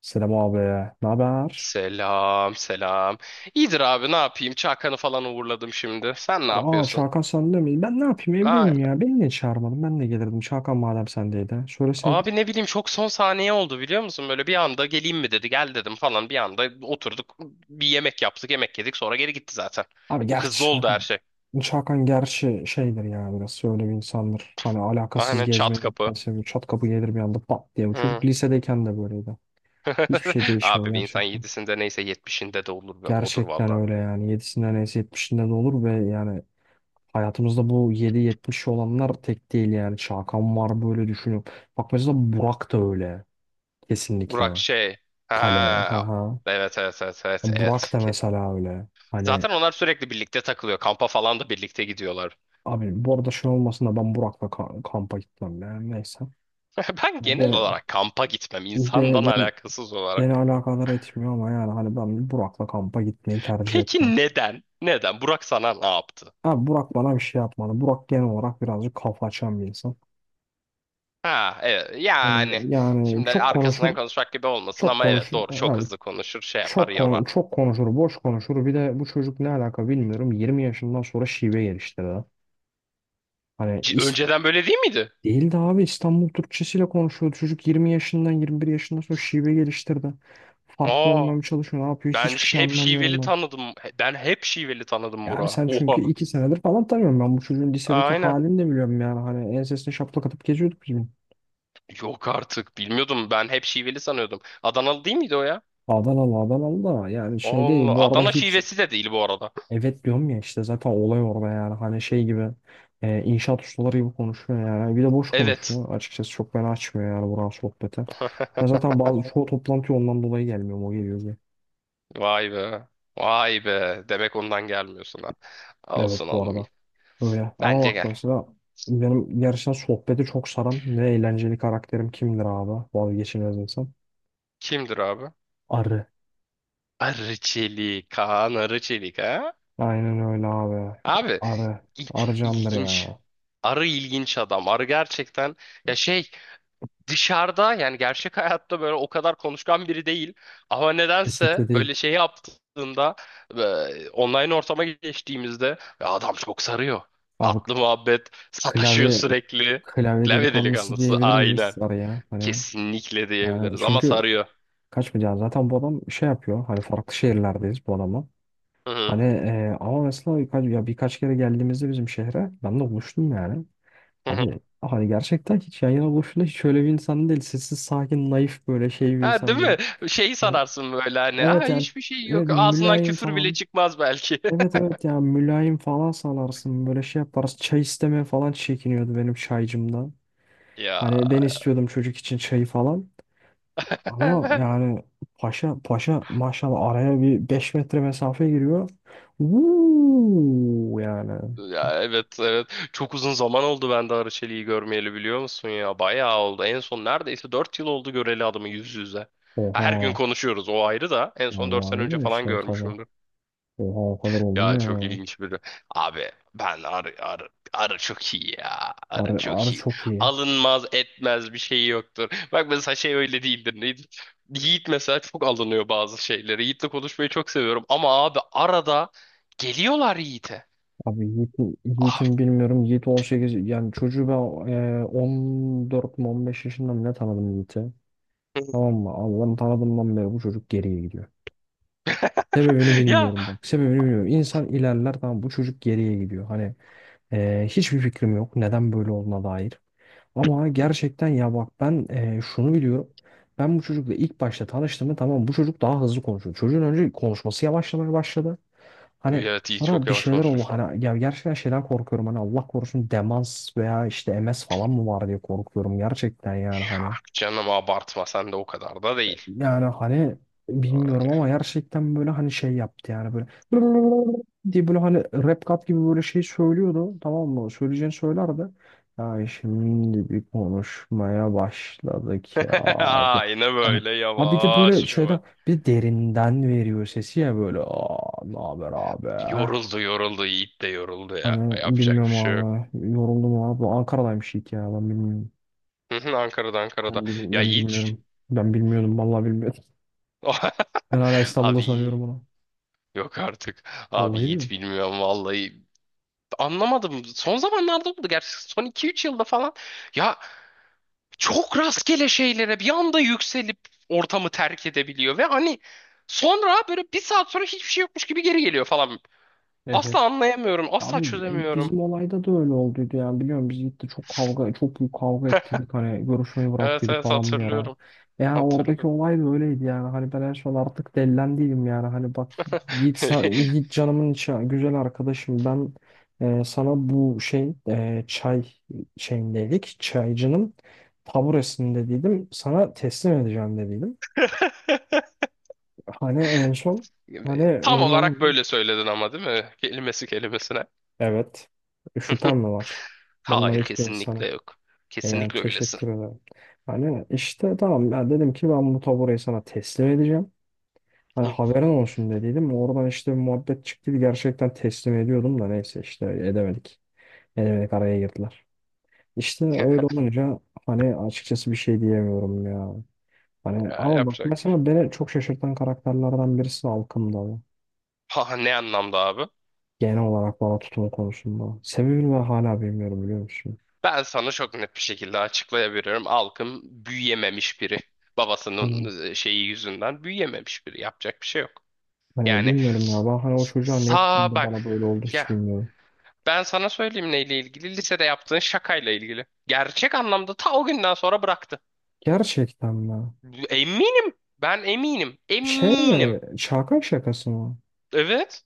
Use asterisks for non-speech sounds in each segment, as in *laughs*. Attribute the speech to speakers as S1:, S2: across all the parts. S1: Selam abi. Ne haber?
S2: Selam, selam. İyidir abi ne yapayım? Çakan'ı falan uğurladım şimdi. Sen ne
S1: Aa,
S2: yapıyorsun?
S1: Çağkan sende mi? Ben ne yapayım, evdeyim
S2: Aynen.
S1: ya. Beni niye çağırmadın? Ben de gelirdim. Çağkan madem sendeydi, söyleseydin.
S2: Abi ne bileyim çok son saniye oldu biliyor musun? Böyle bir anda geleyim mi dedi. Gel dedim falan. Bir anda oturduk. Bir yemek yaptık, yemek yedik. Sonra geri gitti zaten.
S1: Abi
S2: Çok
S1: gerçi
S2: hızlı oldu her
S1: Çağkan.
S2: şey.
S1: Çağkan gerçi şeydir ya, biraz öyle bir insandır. Hani alakasız
S2: Aynen
S1: gezmeye
S2: çat kapı.
S1: gitmesi. Çat kapı gelir bir anda, pat diye. Bu çocuk
S2: Hı.
S1: lisedeyken de böyleydi. Hiçbir şey
S2: *laughs*
S1: değişmiyor
S2: Abi bir insan
S1: gerçekten.
S2: yedisinde neyse yetmişinde de olur ve odur
S1: Gerçekten
S2: valla.
S1: öyle yani. Yedisinden neyse yetmişinde de olur ve yani hayatımızda bu 7-70 olanlar tek değil yani. Çağkan var, böyle düşünüyorum. Bak mesela Burak da öyle. Kesinlikle.
S2: Burak şey.
S1: Kale. Ha
S2: Ha.
S1: ha.
S2: Evet evet evet evet
S1: Burak
S2: evet.
S1: da
S2: Kesin.
S1: mesela öyle. Hani
S2: Zaten onlar sürekli birlikte takılıyor. Kampa falan da birlikte gidiyorlar.
S1: abi bu arada şey olmasın da ben Burak'la kampa gitmem yani, neyse.
S2: *laughs* Ben genel
S1: Ve,
S2: olarak kampa gitmem
S1: ve
S2: insandan
S1: beni,
S2: alakasız
S1: beni
S2: olarak.
S1: alakadar etmiyor ama yani hani ben Burak'la kampa gitmeyi tercih etmem.
S2: Peki neden? Neden? Burak sana ne yaptı?
S1: Abi Burak bana bir şey yapmadı. Burak genel olarak birazcık kafa açan bir insan.
S2: Ha evet yani
S1: Hani yani
S2: şimdi
S1: çok
S2: arkasından
S1: konuşur,
S2: konuşmak gibi olmasın
S1: çok
S2: ama evet
S1: konuşur.
S2: doğru çok
S1: Abi
S2: hızlı konuşur şey yapar yorar.
S1: çok konuşur, boş konuşur. Bir de bu çocuk ne alaka bilmiyorum. 20 yaşından sonra şive geliştirdi. Hani is-
S2: Önceden böyle değil miydi?
S1: Değildi abi, İstanbul Türkçesiyle konuşuyordu. Çocuk 20 yaşından 21 yaşından sonra şive geliştirdi. Farklı
S2: Aa
S1: olmamaya çalışıyor. Ne yapıyor?
S2: ben
S1: Hiçbir şey
S2: hep
S1: anlamıyorum
S2: şiveli
S1: ben.
S2: tanıdım. Ben hep şiveli tanıdım
S1: Ya abi
S2: Burak'ı.
S1: sen
S2: Oha
S1: çünkü 2 senedir falan tanıyorum, ben bu çocuğun lisedeki
S2: aynen.
S1: halini de biliyorum yani. Hani ensesine şaplak atıp geziyorduk biz bunu.
S2: Yok artık bilmiyordum ben hep şiveli sanıyordum. Adanalı değil miydi o ya?
S1: Adanalı, Adanalı da yani şey değil.
S2: Allah
S1: Bu arada
S2: Adana
S1: hiç,
S2: şivesi de değil bu arada.
S1: evet, diyorum ya, işte zaten olay orada yani. Hani şey gibi, inşaat ustaları gibi konuşuyor yani. Bir de boş
S2: Evet.
S1: konuşuyor. Açıkçası çok beni açmıyor yani buranın sohbeti. Ben zaten
S2: *laughs*
S1: bazı çoğu toplantıya ondan dolayı gelmiyorum. O geliyor.
S2: Vay be. Vay be. Demek ondan gelmiyorsun ha.
S1: Evet,
S2: Olsun
S1: bu
S2: oğlum.
S1: arada. Öyle. Ama
S2: Bence
S1: bak
S2: gel.
S1: mesela benim gerçekten sohbeti çok saran ve eğlenceli karakterim kimdir abi? Vazgeçilmez insan.
S2: Kimdir abi?
S1: Arı.
S2: Arı Çelik. Kaan Arı Çelik ha?
S1: Aynen öyle abi.
S2: Abi
S1: Arı.
S2: il-
S1: Arı candır
S2: ilginç.
S1: ya.
S2: Arı ilginç adam. Arı gerçekten ya şey dışarıda yani gerçek hayatta böyle o kadar konuşkan biri değil. Ama nedense
S1: Kesinlikle değil.
S2: böyle şey yaptığında online ortama geçtiğimizde "Ya adam çok sarıyor.
S1: Abi
S2: Tatlı muhabbet, sataşıyor
S1: klavye
S2: sürekli.
S1: klavye
S2: Klavye
S1: delikanlısı
S2: delikanlısı
S1: diyebilir miyiz
S2: aynen.
S1: Arı'ya? Hani
S2: Kesinlikle
S1: yani
S2: diyebiliriz ama
S1: çünkü
S2: sarıyor.
S1: kaçmayacağız. Zaten bu adam şey yapıyor. Hani farklı şehirlerdeyiz bu adama.
S2: Hı hı.
S1: Hani ama mesela birkaç, ya birkaç kere geldiğimizde bizim şehre ben de buluştum yani.
S2: Hı hı.
S1: Abi hani gerçekten hiç yan yana boşuna hiç öyle bir insan değil. Sessiz, sakin, naif, böyle şey bir
S2: Ha, değil
S1: insan
S2: mi?
S1: böyle.
S2: Şeyi
S1: Hani
S2: sanarsın böyle hani. Aa,
S1: evet yani,
S2: hiçbir şey
S1: evet,
S2: yok. Ağzından
S1: mülayim
S2: küfür bile
S1: falan.
S2: çıkmaz belki. *laughs*
S1: Evet evet ya, mülayim falan sanarsın, böyle şey yaparız. Çay istemeye falan çekiniyordu benim çaycımdan.
S2: Ya.
S1: Hani ben istiyordum çocuk için çayı falan. Ama
S2: *laughs*
S1: yani paşa paşa maşallah araya bir 5 metre mesafe giriyor. Uuu yani.
S2: Ya evet evet. Çok uzun zaman oldu ben de Arıçeli'yi görmeyeli biliyor musun ya? Bayağı oldu. En son neredeyse 4 yıl oldu göreli adamı yüz yüze. Her gün
S1: Oha.
S2: konuşuyoruz o ayrı da. En
S1: Ya
S2: son 4
S1: vay,
S2: sene önce
S1: öyle
S2: falan
S1: işte tabii.
S2: görmüşüm.
S1: Oha, o kadar oldu mu
S2: Ya çok
S1: ya?
S2: ilginç biri. Abi ben arı arı arı çok iyi ya. Arı
S1: Arı, Arı
S2: çok iyi.
S1: çok iyi.
S2: Alınmaz etmez bir şey yoktur. Bak mesela şey öyle değildir. Neydi? Yiğit mesela çok alınıyor bazı şeylere. Yiğit'le konuşmayı çok seviyorum ama abi arada geliyorlar Yiğit'e.
S1: Abi Yiğit'in
S2: Ah,
S1: Yiğit'in bilmiyorum. Yiğit 18, yani çocuğu ben 14 mü 15 yaşında mı ne tanıdım Yiğit'i. Tamam mı? Abi ben tanıdığımdan beri bu çocuk geriye gidiyor. Sebebini
S2: *laughs* ya
S1: bilmiyorum bak. Sebebini bilmiyorum. İnsan ilerler, tamam, bu çocuk geriye gidiyor. Hani hiçbir fikrim yok. Neden böyle olduğuna dair. Ama gerçekten ya bak, ben şunu biliyorum. Ben bu çocukla ilk başta tanıştığımda tamam, bu çocuk daha hızlı konuşuyor. Çocuğun önce konuşması yavaşlamaya başladı. Hani
S2: evet Yiğit çok
S1: sonra bir
S2: yavaş
S1: şeyler oldu.
S2: konuşmuş lan.
S1: Hani ya gerçekten şeyden korkuyorum. Hani Allah korusun, demans veya işte MS falan mı var diye korkuyorum gerçekten yani,
S2: Ya
S1: hani.
S2: canım abartma sen de o kadar da değil.
S1: Yani hani bilmiyorum
S2: Öyle.
S1: ama gerçekten böyle hani şey yaptı yani, böyle *laughs* diye, böyle hani rap kat gibi, böyle şey söylüyordu, tamam mı? Söyleyeceğini söylerdi. Ya şimdi bir konuşmaya başladık ya,
S2: *laughs*
S1: diye.
S2: Aynen
S1: Hani,
S2: böyle
S1: ha, bir de böyle
S2: yavaş
S1: şeyden,
S2: yavaş.
S1: bir de derinden veriyor sesi ya, böyle, aa ne haber abi?
S2: Yoruldu yoruldu Yiğit de yoruldu ya.
S1: Hani
S2: Yapacak bir
S1: bilmiyorum
S2: şey yok.
S1: abi, yoruldum abi. Ankara'daymış ilk, ya ben bilmiyorum.
S2: Hı hı, Ankara'da Ankara'da.
S1: Ben, bil
S2: Ya
S1: ben
S2: Yiğit.
S1: bilmiyorum. Ben bilmiyordum vallahi, bilmiyordum.
S2: *laughs*
S1: Ben hala İstanbul'da
S2: Abi iyi.
S1: sanıyorum.
S2: Yok artık. Abi
S1: Vallahi
S2: Yiğit
S1: diyorum.
S2: bilmiyorum vallahi. Anlamadım. Son zamanlarda oldu. Gerçi son 2-3 yılda falan. Ya çok rastgele şeylere bir anda yükselip ortamı terk edebiliyor. Ve hani sonra böyle bir saat sonra hiçbir şey yokmuş gibi geri geliyor falan.
S1: Evet.
S2: Asla anlayamıyorum. Asla
S1: Abi
S2: çözemiyorum.
S1: bizim olayda da öyle olduydu yani, biliyorum biz gitti, çok kavga, çok büyük kavga
S2: *laughs*
S1: ettik, hani görüşmeyi
S2: Evet
S1: bıraktıydık
S2: evet
S1: falan bir ara.
S2: hatırlıyorum.
S1: Yani oradaki
S2: Hatırlıyorum.
S1: olay da öyleydi yani, hani ben en son artık dellendiydim yani, hani bak, Yiğit, Yiğit canımın içi güzel arkadaşım, ben sana bu şey çay şeyindeydik, çaycının taburesinde, dedim sana teslim edeceğim dediydim. Hani en son, hani
S2: *laughs* Tam
S1: öyle olur.
S2: olarak böyle söyledin ama değil mi? Kelimesi kelimesine.
S1: Evet.
S2: *laughs*
S1: Şüphem mi var? Ben
S2: Hayır
S1: naif bir
S2: kesinlikle
S1: insanım.
S2: yok.
S1: E yani
S2: Kesinlikle öylesin.
S1: teşekkür ederim. Hani işte tamam, ben dedim ki ben bu taburayı sana teslim edeceğim. Hani
S2: Hı.
S1: haberin olsun, dediydim. Oradan işte bir muhabbet çıktı. Gerçekten teslim ediyordum da neyse işte edemedik. Edemedik, araya girdiler. İşte
S2: *laughs*
S1: öyle olunca hani açıkçası bir şey diyemiyorum ya. Hani
S2: Ya
S1: ama bak
S2: yapacak.
S1: mesela beni çok şaşırtan karakterlerden birisi halkımda, bu.
S2: Ha, ne anlamda abi?
S1: Genel olarak bana tutumu konusunda. Sebebini ben hala bilmiyorum, biliyor musun?
S2: Ben sana çok net bir şekilde açıklayabilirim. Alkım büyüyememiş biri.
S1: Hani
S2: Babasının şeyi yüzünden büyüyememiş biri. Yapacak bir şey yok.
S1: Hani
S2: Yani
S1: bilmiyorum ya. Ben hani o çocuğa ne ettim
S2: sağ
S1: de
S2: bak.
S1: bana böyle oldu
S2: Ya
S1: hiç bilmiyorum.
S2: ben sana söyleyeyim neyle ilgili? Lisede yaptığın şakayla ilgili. Gerçek anlamda ta o günden sonra bıraktı.
S1: Gerçekten mi?
S2: Eminim. Ben eminim.
S1: Şey
S2: Eminim.
S1: mi? Şaka şakası mı?
S2: Evet.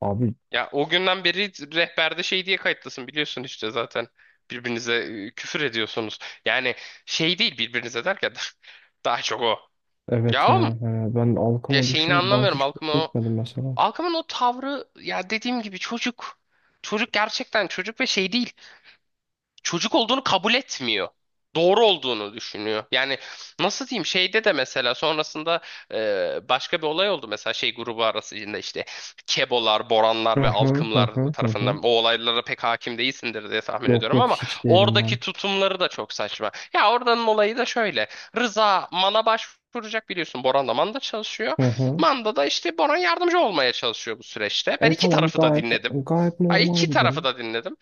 S1: Abi
S2: Ya o günden beri rehberde şey diye kayıtlısın biliyorsun işte zaten birbirinize küfür ediyorsunuz. Yani şey değil birbirinize derken *laughs* daha çok o.
S1: evet
S2: Ya oğlum
S1: yani. Hani ben
S2: ya
S1: halkımı
S2: şeyini
S1: düşünüp ben
S2: anlamıyorum
S1: hiç
S2: Alkım'ın o
S1: etmedim mesela.
S2: Alkım'ın o tavrı ya dediğim gibi çocuk. Çocuk gerçekten çocuk ve şey değil çocuk olduğunu kabul etmiyor. Doğru olduğunu düşünüyor. Yani nasıl diyeyim şeyde de mesela sonrasında başka bir olay oldu. Mesela şey grubu arasında işte Kebolar,
S1: Hı
S2: Boranlar ve
S1: hı hı
S2: Alkımlar
S1: hı hı hı.
S2: tarafından o olaylara pek hakim değilsindir diye tahmin
S1: Yok
S2: ediyorum
S1: yok,
S2: ama
S1: hiç değilim
S2: oradaki
S1: ben.
S2: tutumları da çok saçma. Ya oradanın olayı da şöyle. Rıza Man'a başvuracak biliyorsun. Boran da Man'da çalışıyor.
S1: Hı hı.
S2: Manda da işte Boran yardımcı olmaya çalışıyor bu süreçte. Ben
S1: E
S2: iki
S1: tamam,
S2: tarafı da
S1: gayet
S2: dinledim.
S1: gayet
S2: Ay
S1: normal
S2: iki
S1: bir
S2: tarafı
S1: durum.
S2: da dinledim.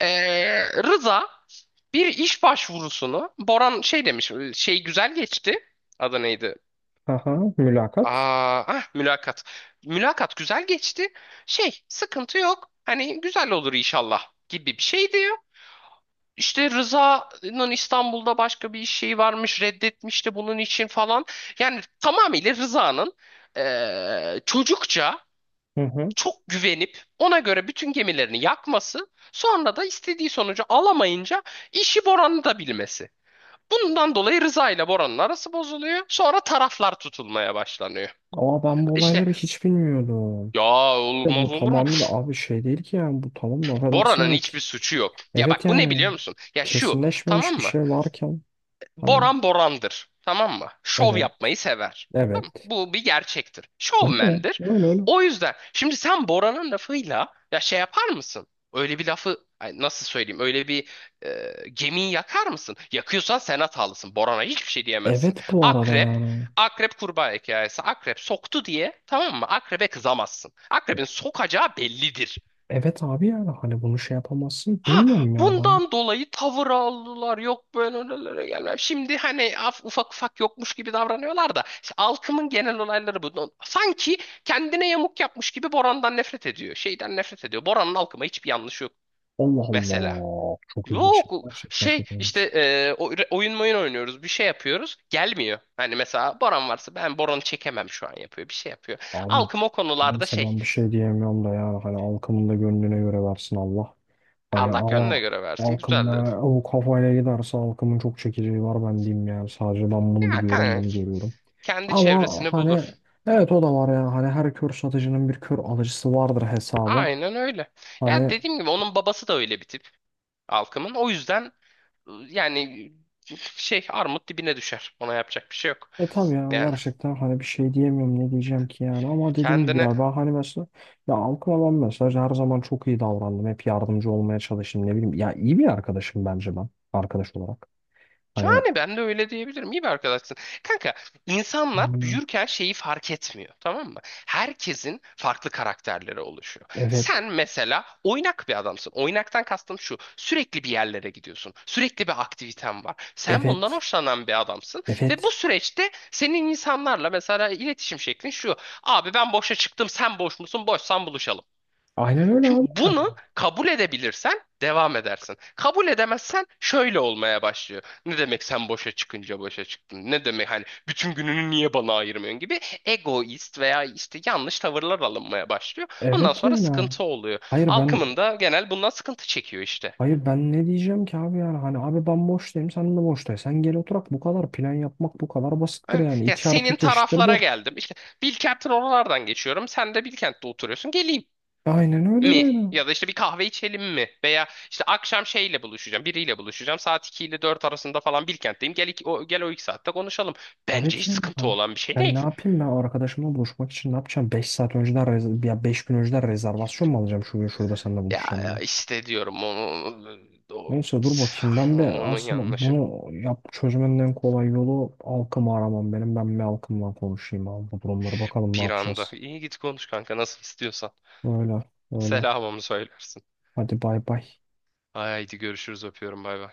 S2: Rıza bir iş başvurusunu Boran şey demiş şey güzel geçti. Adı neydi?
S1: Hı hı. Mülakat.
S2: Aa, ah, mülakat. Mülakat güzel geçti. Şey sıkıntı yok. Hani güzel olur inşallah gibi bir şey diyor. İşte Rıza'nın İstanbul'da başka bir iş şeyi varmış reddetmişti bunun için falan. Yani tamamıyla Rıza'nın çocukça
S1: Hı hı.
S2: çok güvenip ona göre bütün gemilerini yakması sonra da istediği sonucu alamayınca işi Boran'ı da bilmesi. Bundan dolayı Rıza ile Bora'nın arası bozuluyor. Sonra taraflar tutulmaya başlanıyor.
S1: Ama ben bu
S2: İşte
S1: olayları hiç bilmiyordum.
S2: ya
S1: De bu
S2: olmaz olur mu?
S1: tamamıyla abi şey değil ki yani, bu tamam laf
S2: Bora'nın
S1: edersin.
S2: hiçbir suçu yok. Ya bak
S1: Evet
S2: bu ne
S1: yani,
S2: biliyor musun? Ya şu tamam
S1: kesinleşmemiş bir
S2: mı?
S1: şey varken hani,
S2: Boran Boran'dır. Tamam mı? Şov
S1: evet
S2: yapmayı sever. Tamam mı?
S1: evet,
S2: Bu bir gerçektir.
S1: öyle
S2: Şovmendir.
S1: öyle öyle.
S2: O yüzden şimdi sen Boran'ın lafıyla ya şey yapar mısın? Öyle bir lafı ay nasıl söyleyeyim? Öyle bir gemiyi yakar mısın? Yakıyorsan sen hatalısın. Boran'a hiçbir şey diyemezsin.
S1: Evet, bu arada
S2: Akrep
S1: yani.
S2: Akrep kurbağa hikayesi. Akrep soktu diye tamam mı? Akrebe kızamazsın. Akrebin sokacağı bellidir.
S1: Evet abi yani, hani bunu şey yapamazsın.
S2: Ha,
S1: Bilmiyorum ya ben.
S2: bundan dolayı tavır aldılar. Yok böyle öylelere gelmem. Şimdi hani ufak ufak yokmuş gibi davranıyorlar da işte halkımın genel olayları bu. No, sanki kendine yamuk yapmış gibi Boran'dan nefret ediyor. Şeyden nefret ediyor. Boran'ın halkıma hiçbir yanlışı yok
S1: Allah
S2: mesela.
S1: Allah. Çok ilginç.
S2: Yok
S1: Gerçekten
S2: şey
S1: çok
S2: işte
S1: ilginç.
S2: oyun oynuyoruz bir şey yapıyoruz gelmiyor. Hani mesela Boran varsa ben Boran'ı çekemem şu an yapıyor bir şey yapıyor.
S1: Abi
S2: Halkım o konularda
S1: neyse,
S2: şey
S1: ben bir şey diyemiyorum da yani, hani halkımın da gönlüne göre versin Allah. Hani
S2: Allah gönlüne
S1: ama
S2: göre versin
S1: halkım
S2: güzel.
S1: ne, o kafayla giderse halkımın çok çekeceği var, ben diyeyim yani. Sadece ben bunu
S2: Ya
S1: biliyorum,
S2: kanka
S1: bunu görüyorum.
S2: kendi
S1: Ama
S2: çevresini
S1: hani
S2: bulur.
S1: evet, o da var ya, hani her kör satıcının bir kör alıcısı vardır hesaba.
S2: Aynen öyle. Ya
S1: Hani
S2: dediğim gibi onun babası da öyle bir tip Alkım'ın. O yüzden yani şey armut dibine düşer. Ona yapacak bir şey yok.
S1: e tabii ya,
S2: Yani
S1: gerçekten hani bir şey diyemiyorum ne diyeceğim ki yani, ama dediğim gibi
S2: kendine.
S1: ya, ben hani mesela ya halkıma ben mesela her zaman çok iyi davrandım, hep yardımcı olmaya çalıştım, ne bileyim ya, iyi bir arkadaşım bence ben arkadaş olarak. Hani.
S2: Yani ben de öyle diyebilirim. İyi bir arkadaşsın. Kanka insanlar
S1: Yani.
S2: büyürken şeyi fark etmiyor. Tamam mı? Herkesin farklı karakterleri oluşuyor.
S1: Evet
S2: Sen mesela oynak bir adamsın. Oynaktan kastım şu. Sürekli bir yerlere gidiyorsun. Sürekli bir aktiviten var. Sen bundan
S1: evet
S2: hoşlanan bir adamsın. Ve bu
S1: evet,
S2: süreçte senin insanlarla mesela iletişim şeklin şu. Abi ben boşa çıktım sen boş musun? Boşsan buluşalım.
S1: aynen öyle
S2: Şimdi
S1: abi,
S2: bunu kabul edebilirsen devam edersin. Kabul edemezsen şöyle olmaya başlıyor. Ne demek sen boşa çıkınca boşa çıktın? Ne demek hani bütün gününü niye bana ayırmıyorsun gibi egoist veya işte yanlış tavırlar alınmaya başlıyor. Ondan
S1: evet
S2: sonra
S1: yani,
S2: sıkıntı oluyor.
S1: hayır ben
S2: Halkımın da genel bundan sıkıntı çekiyor işte.
S1: Hayır ben ne diyeceğim ki abi yani, hani abi ben boştayım, sen de boştayım. Sen gel oturak, bu kadar plan yapmak bu kadar basittir
S2: Ha,
S1: yani.
S2: ya
S1: 2 artı
S2: senin
S1: 2 eşittir
S2: taraflara
S1: 4.
S2: geldim. İşte Bilkent'in oralardan geçiyorum. Sen de Bilkent'te oturuyorsun. Geleyim
S1: Aynen öyle
S2: mi?
S1: yani.
S2: Ya da işte bir kahve içelim mi? Veya işte akşam şeyle buluşacağım, biriyle buluşacağım. Saat 2 ile 4 arasında falan Bilkent'teyim. Gel, o 2 saatte konuşalım. Bence
S1: Evet
S2: hiç
S1: yani.
S2: sıkıntı
S1: Ha.
S2: olan bir şey
S1: Ben ne
S2: değil.
S1: yapayım, ben arkadaşımla buluşmak için ne yapacağım? 5 saat önceden ya 5 gün önceden rezervasyon mu alacağım şu gün şurada seninle
S2: Ya
S1: buluşacağım
S2: ya
S1: diye.
S2: işte diyorum onu, o-
S1: Neyse dur bakayım, ben bir
S2: onun
S1: aslında
S2: yanlışı.
S1: bunu yap, çözümün en kolay yolu halkımı aramam benim. Ben bir halkımla konuşayım abi, bu durumları bakalım ne
S2: Bir anda.
S1: yapacağız.
S2: İyi git konuş kanka nasıl istiyorsan.
S1: Öyle, öyle.
S2: Selamımı söylersin.
S1: Hadi bay bay.
S2: Haydi görüşürüz öpüyorum bay bay.